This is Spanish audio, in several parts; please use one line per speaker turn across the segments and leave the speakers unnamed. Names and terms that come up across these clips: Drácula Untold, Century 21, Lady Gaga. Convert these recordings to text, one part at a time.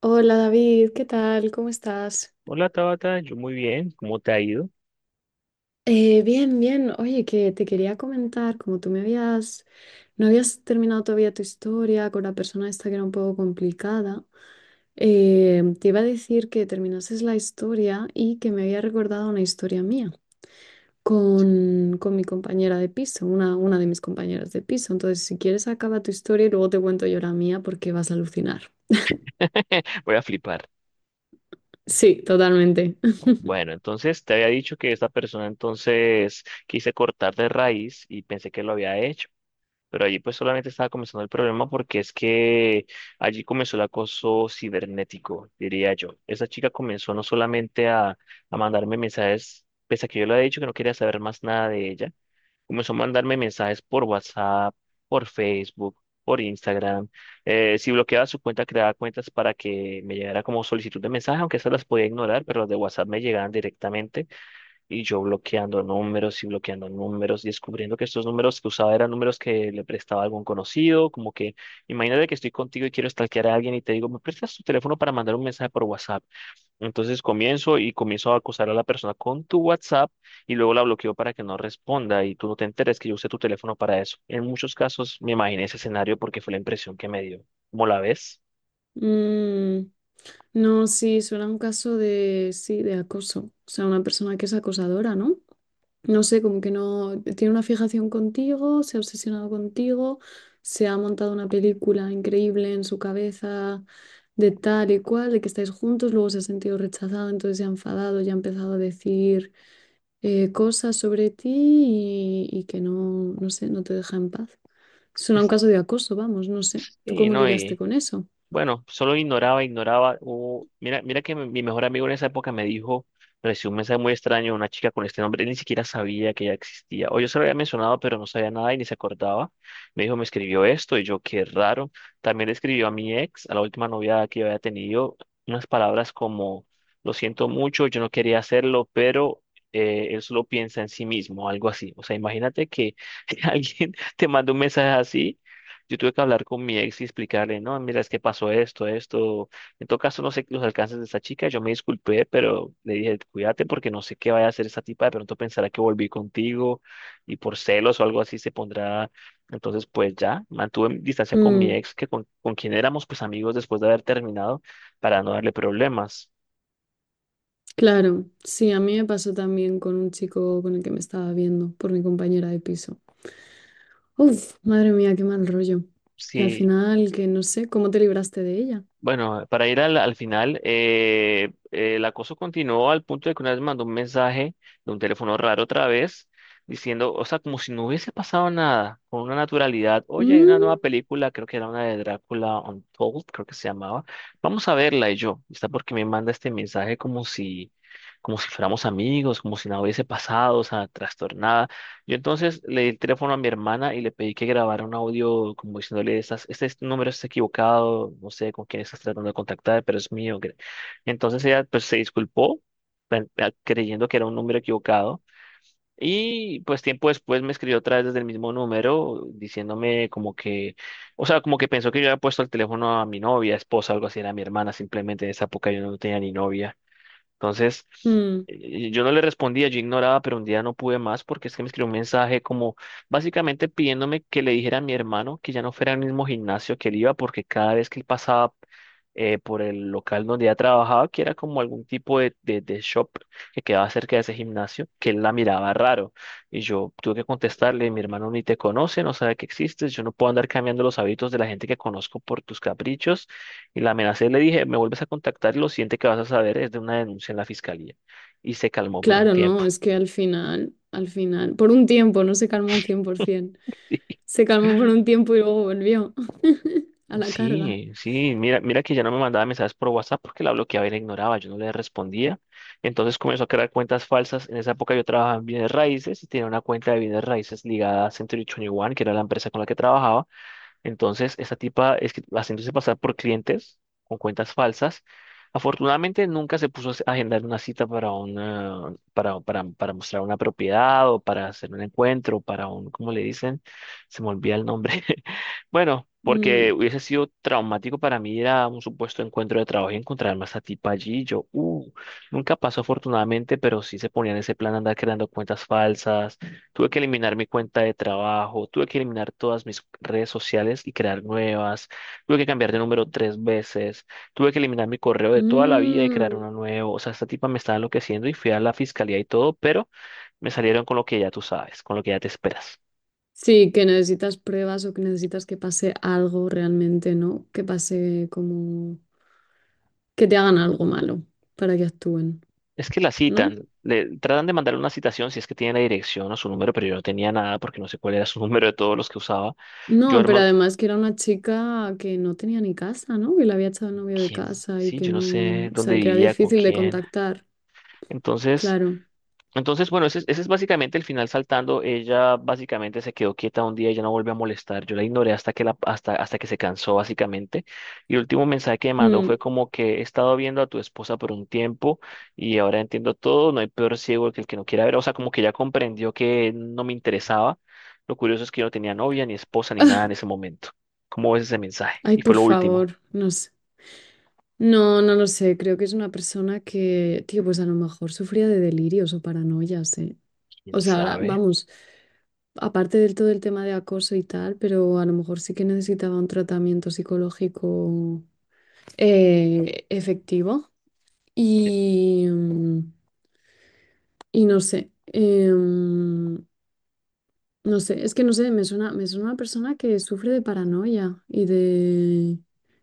Hola David, ¿qué tal? ¿Cómo estás?
Hola Tabata, yo muy bien, ¿cómo te ha ido?
Bien, bien. Oye, que te quería comentar, como tú me habías, no habías terminado todavía tu historia con la persona esta que era un poco complicada, te iba a decir que terminases la historia y que me había recordado una historia mía con mi compañera de piso, una de mis compañeras de piso. Entonces, si quieres, acaba tu historia y luego te cuento yo la mía porque vas a alucinar.
Voy a flipar.
Sí, totalmente.
Bueno, entonces te había dicho que esta persona entonces quise cortar de raíz y pensé que lo había hecho, pero allí pues solamente estaba comenzando el problema porque es que allí comenzó el acoso cibernético, diría yo. Esa chica comenzó no solamente a mandarme mensajes, pese a que yo le había dicho que no quería saber más nada de ella. Comenzó a mandarme mensajes por WhatsApp, por Facebook, por Instagram. Si bloqueaba su cuenta, creaba cuentas para que me llegara como solicitud de mensaje, aunque esas las podía ignorar, pero las de WhatsApp me llegaban directamente y yo bloqueando números, y descubriendo que estos números que usaba eran números que le prestaba a algún conocido, como que imagínate que estoy contigo y quiero stalkear a alguien y te digo, ¿me prestas tu teléfono para mandar un mensaje por WhatsApp? Entonces comienzo y comienzo a acosar a la persona con tu WhatsApp y luego la bloqueo para que no responda y tú no te enteres que yo usé tu teléfono para eso. En muchos casos me imaginé ese escenario porque fue la impresión que me dio. ¿Cómo la ves?
Mm. No, sí, suena a un caso de, sí, de acoso. O sea, una persona que es acosadora, ¿no? No sé, como que no tiene una fijación contigo, se ha obsesionado contigo, se ha montado una película increíble en su cabeza de tal y cual, de que estáis juntos, luego se ha sentido rechazado, entonces se ha enfadado, ya ha empezado a decir cosas sobre ti y que no, no sé, no te deja en paz. Suena a un
Es-
caso de acoso, vamos, no sé. ¿Tú
Sí,
cómo
¿no?
lidiaste con eso?
Bueno, solo ignoraba, ignoraba. Mira, mira que mi mejor amigo en esa época me dijo, recibió un mensaje muy extraño de una chica con este nombre, él ni siquiera sabía que ella existía. O yo se lo había mencionado, pero no sabía nada y ni se acordaba. Me dijo, me escribió esto y yo, qué raro. También le escribió a mi ex, a la última novia que yo había tenido, unas palabras como, lo siento mucho, yo no quería hacerlo, pero él solo piensa en sí mismo, algo así. O sea, imagínate que alguien te manda un mensaje así. Yo tuve que hablar con mi ex y explicarle, no, mira, es que pasó esto, esto. En todo caso, no sé los alcances de esta chica. Yo me disculpé, pero le dije, cuídate porque no sé qué vaya a hacer esta tipa. De pronto pensará que volví contigo y por celos o algo así se pondrá. Entonces, pues ya, mantuve distancia con mi
Mm.
ex, que con quien éramos pues amigos después de haber terminado, para no darle problemas.
Claro, sí, a mí me pasó también con un chico con el que me estaba viendo por mi compañera de piso. Uf, madre mía, qué mal rollo. Y al
Sí,
final, que no sé, ¿cómo te libraste de ella?
bueno, para ir al final, el acoso continuó al punto de que una vez mandó un mensaje de un teléfono raro otra vez, diciendo, o sea, como si no hubiese pasado nada, con una naturalidad. Oye, hay una nueva
Mm.
película, creo que era una de Drácula Untold, creo que se llamaba. Vamos a verla y yo, está porque me manda este mensaje como si fuéramos amigos, como si nada hubiese pasado, o sea, trastornada. Yo entonces le di el teléfono a mi hermana y le pedí que grabara un audio como diciéndole, número está equivocado, no sé con quién estás tratando de contactar, pero es mío. Entonces ella pues se disculpó creyendo que era un número equivocado y pues tiempo después me escribió otra vez desde el mismo número diciéndome como que, o sea, como que pensó que yo había puesto el teléfono a mi novia, esposa, algo así, era mi hermana simplemente. En esa época yo no tenía ni novia. Entonces,
Mm,
yo no le respondía, yo ignoraba, pero un día no pude más porque es que me escribió un mensaje como básicamente pidiéndome que le dijera a mi hermano que ya no fuera al mismo gimnasio que él iba porque cada vez que él pasaba por el local donde ella trabajaba, que era como algún tipo de shop que quedaba cerca de ese gimnasio, que él la miraba raro. Y yo tuve que contestarle, mi hermano ni te conoce, no sabe que existes, yo no puedo andar cambiando los hábitos de la gente que conozco por tus caprichos. Y la amenacé, le dije, me vuelves a contactar y lo siguiente que vas a saber es de una denuncia en la fiscalía. Y se calmó por un
claro,
tiempo.
no, es que al final, por un tiempo, no se calmó un 100%. Se calmó por un tiempo y luego volvió a la carga.
Sí, sí, mira, mira que ya no me mandaba mensajes por WhatsApp porque la bloqueaba y la ignoraba, yo no le respondía. Entonces comenzó a crear cuentas falsas. En esa época yo trabajaba en bienes raíces y tenía una cuenta de bienes raíces ligada a Century 21, que era la empresa con la que trabajaba. Entonces, esta tipa es que- haciéndose pasar por clientes con cuentas falsas. Afortunadamente, nunca se puso a agendar una cita para, una, para mostrar una propiedad o para hacer un encuentro, para un, ¿cómo le dicen? Se me olvida el nombre. Bueno, porque
Mm.
hubiese sido traumático para mí ir a un supuesto encuentro de trabajo y encontrarme a esta tipa allí. Nunca pasó afortunadamente, pero sí se ponía en ese plan de andar creando cuentas falsas. Tuve que eliminar mi cuenta de trabajo, tuve que eliminar todas mis redes sociales y crear nuevas, tuve que cambiar de número tres veces, tuve que eliminar mi correo de toda la vida y crear
Mm.
uno nuevo. O sea, esta tipa me estaba enloqueciendo y fui a la fiscalía y todo, pero me salieron con lo que ya tú sabes, con lo que ya te esperas.
Sí, que necesitas pruebas o que necesitas que pase algo realmente, ¿no? Que pase como que te hagan algo malo para que actúen,
Es que la
¿no?
citan, le tratan de mandarle una citación si es que tiene la dirección o su número, pero yo no tenía nada porque no sé cuál era su número de todos los que usaba. Yo,
No, pero
hermano,
además que era una chica que no tenía ni casa, ¿no? Que la había echado el novio de
¿quién?
casa y
Sí,
que
yo no sé
no, o
dónde
sea, que era
vivía, con
difícil de
quién.
contactar,
Entonces...
claro.
Entonces, bueno, ese es básicamente el final saltando. Ella básicamente se quedó quieta un día y ya no volvió a molestar. Yo la ignoré hasta que se cansó, básicamente. Y el último mensaje que me mandó
Mm.
fue como que he estado viendo a tu esposa por un tiempo y ahora entiendo todo. No hay peor ciego que el que no quiera ver. O sea, como que ya comprendió que no me interesaba. Lo curioso es que yo no tenía novia, ni esposa, ni nada en ese momento. ¿Cómo ves ese mensaje?
Ay,
Y fue
por
lo último.
favor, no sé. No, no lo sé, creo que es una persona que, tío, pues a lo mejor sufría de delirios o paranoias, ¿eh?
¿Quién
O sea, ahora,
sabe?
vamos. Aparte del todo el tema de acoso y tal, pero a lo mejor sí que necesitaba un tratamiento psicológico efectivo. Y no sé, no sé, es que no sé, me suena una persona que sufre de paranoia y de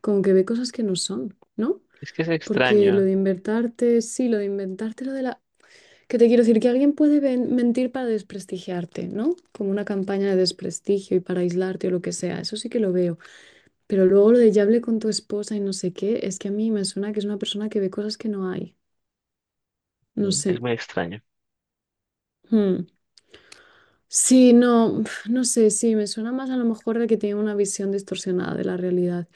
como que ve cosas que no son, ¿no?
Es que es
Porque lo
extraño.
de inventarte, sí, lo de inventarte lo de la... Que te quiero decir que alguien puede mentir para desprestigiarte, ¿no? Como una campaña de desprestigio y para aislarte o lo que sea, eso sí que lo veo. Pero luego lo de ya hablé con tu esposa y no sé qué, es que a mí me suena que es una persona que ve cosas que no hay. No
¿No? Es
sé.
muy extraño.
Hmm. Sí, no, no sé, sí, me suena más a lo mejor de que tiene una visión distorsionada de la realidad.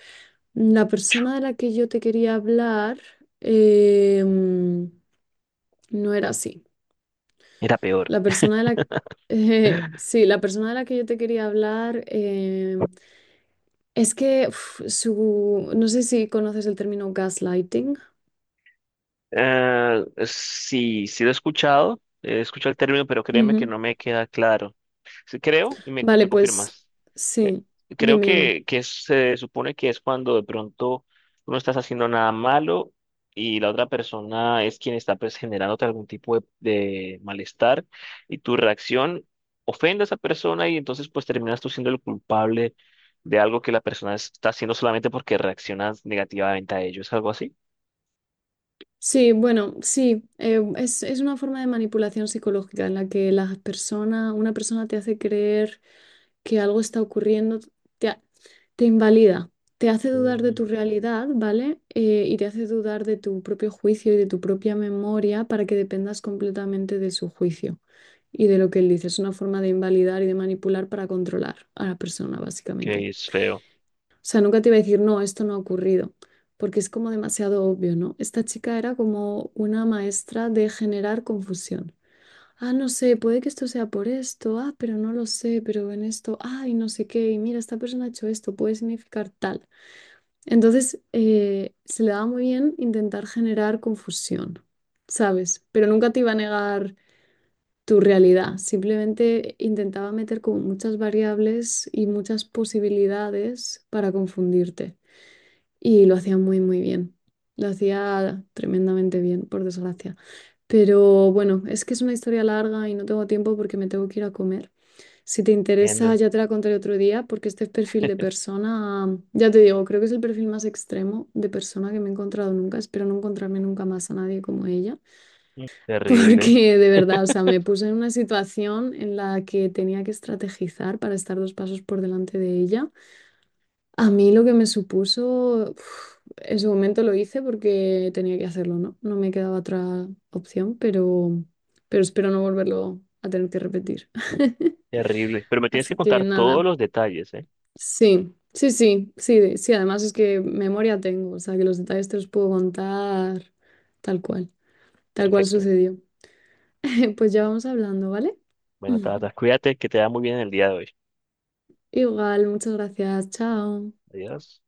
La persona de la que yo te quería hablar eh, mm, no era así.
Era peor.
La persona de la... Sí, la persona de la que yo te quería hablar es que uf, su... No sé si conoces el término gaslighting.
Sí, sí lo he escuchado el término, pero créeme que
Ujú.
no me queda claro. Sí, creo, y me,
Vale,
me
pues
confirmas, eh,
sí,
creo
dime, dime.
que se supone que es cuando de pronto tú no estás haciendo nada malo y la otra persona es quien está pues, generándote algún tipo de malestar y tu reacción ofende a esa persona y entonces pues terminas tú siendo el culpable de algo que la persona está haciendo solamente porque reaccionas negativamente a ello. ¿Es algo así?
Sí, bueno, sí, es una forma de manipulación psicológica en la que las personas, una persona te hace creer que algo está ocurriendo, te, ha- te invalida, te hace dudar de
Mm,
tu realidad, ¿vale? Y te hace dudar de tu propio juicio y de tu propia memoria para que dependas completamente de su juicio y de lo que él dice. Es una forma de invalidar y de manipular para controlar a la persona,
que
básicamente.
es feo.
O sea, nunca te iba a decir, no, esto no ha ocurrido, porque es como demasiado obvio, ¿no? Esta chica era como una maestra de generar confusión. Ah, no sé, puede que esto sea por esto, ah, pero no lo sé, pero en esto, ay, no sé qué, y mira, esta persona ha hecho esto, puede significar tal. Entonces, se le daba muy bien intentar generar confusión, ¿sabes? Pero nunca te iba a negar tu realidad, simplemente intentaba meter como muchas variables y muchas posibilidades para confundirte y lo hacía muy, muy bien. Lo hacía tremendamente bien, por desgracia. Pero bueno, es que es una historia larga y no tengo tiempo porque me tengo que ir a comer. Si te interesa,
Entiendo.
ya te la contaré otro día porque este perfil de persona, ya te digo, creo que es el perfil más extremo de persona que me he encontrado nunca. Espero no encontrarme nunca más a nadie como ella,
Mm, terrible,
porque de verdad, o sea, me puse en una situación en la que tenía que estrategizar para estar dos pasos por delante de ella. A mí lo que me supuso, uf, en su momento lo hice porque tenía que hacerlo, ¿no? No me quedaba otra opción, pero espero no volverlo a tener que repetir.
terrible. Pero me tienes que
Así que
contar todos
nada,
los detalles, ¿eh?
sí, sí, sí, sí, sí, además es que memoria tengo, o sea que los detalles te los puedo contar tal cual, tal cual
Perfecto.
sucedió. Pues ya vamos hablando, ¿vale?
Bueno, Tata, cuídate, que te da muy bien el día de hoy.
Igual, muchas gracias, chao.
Adiós.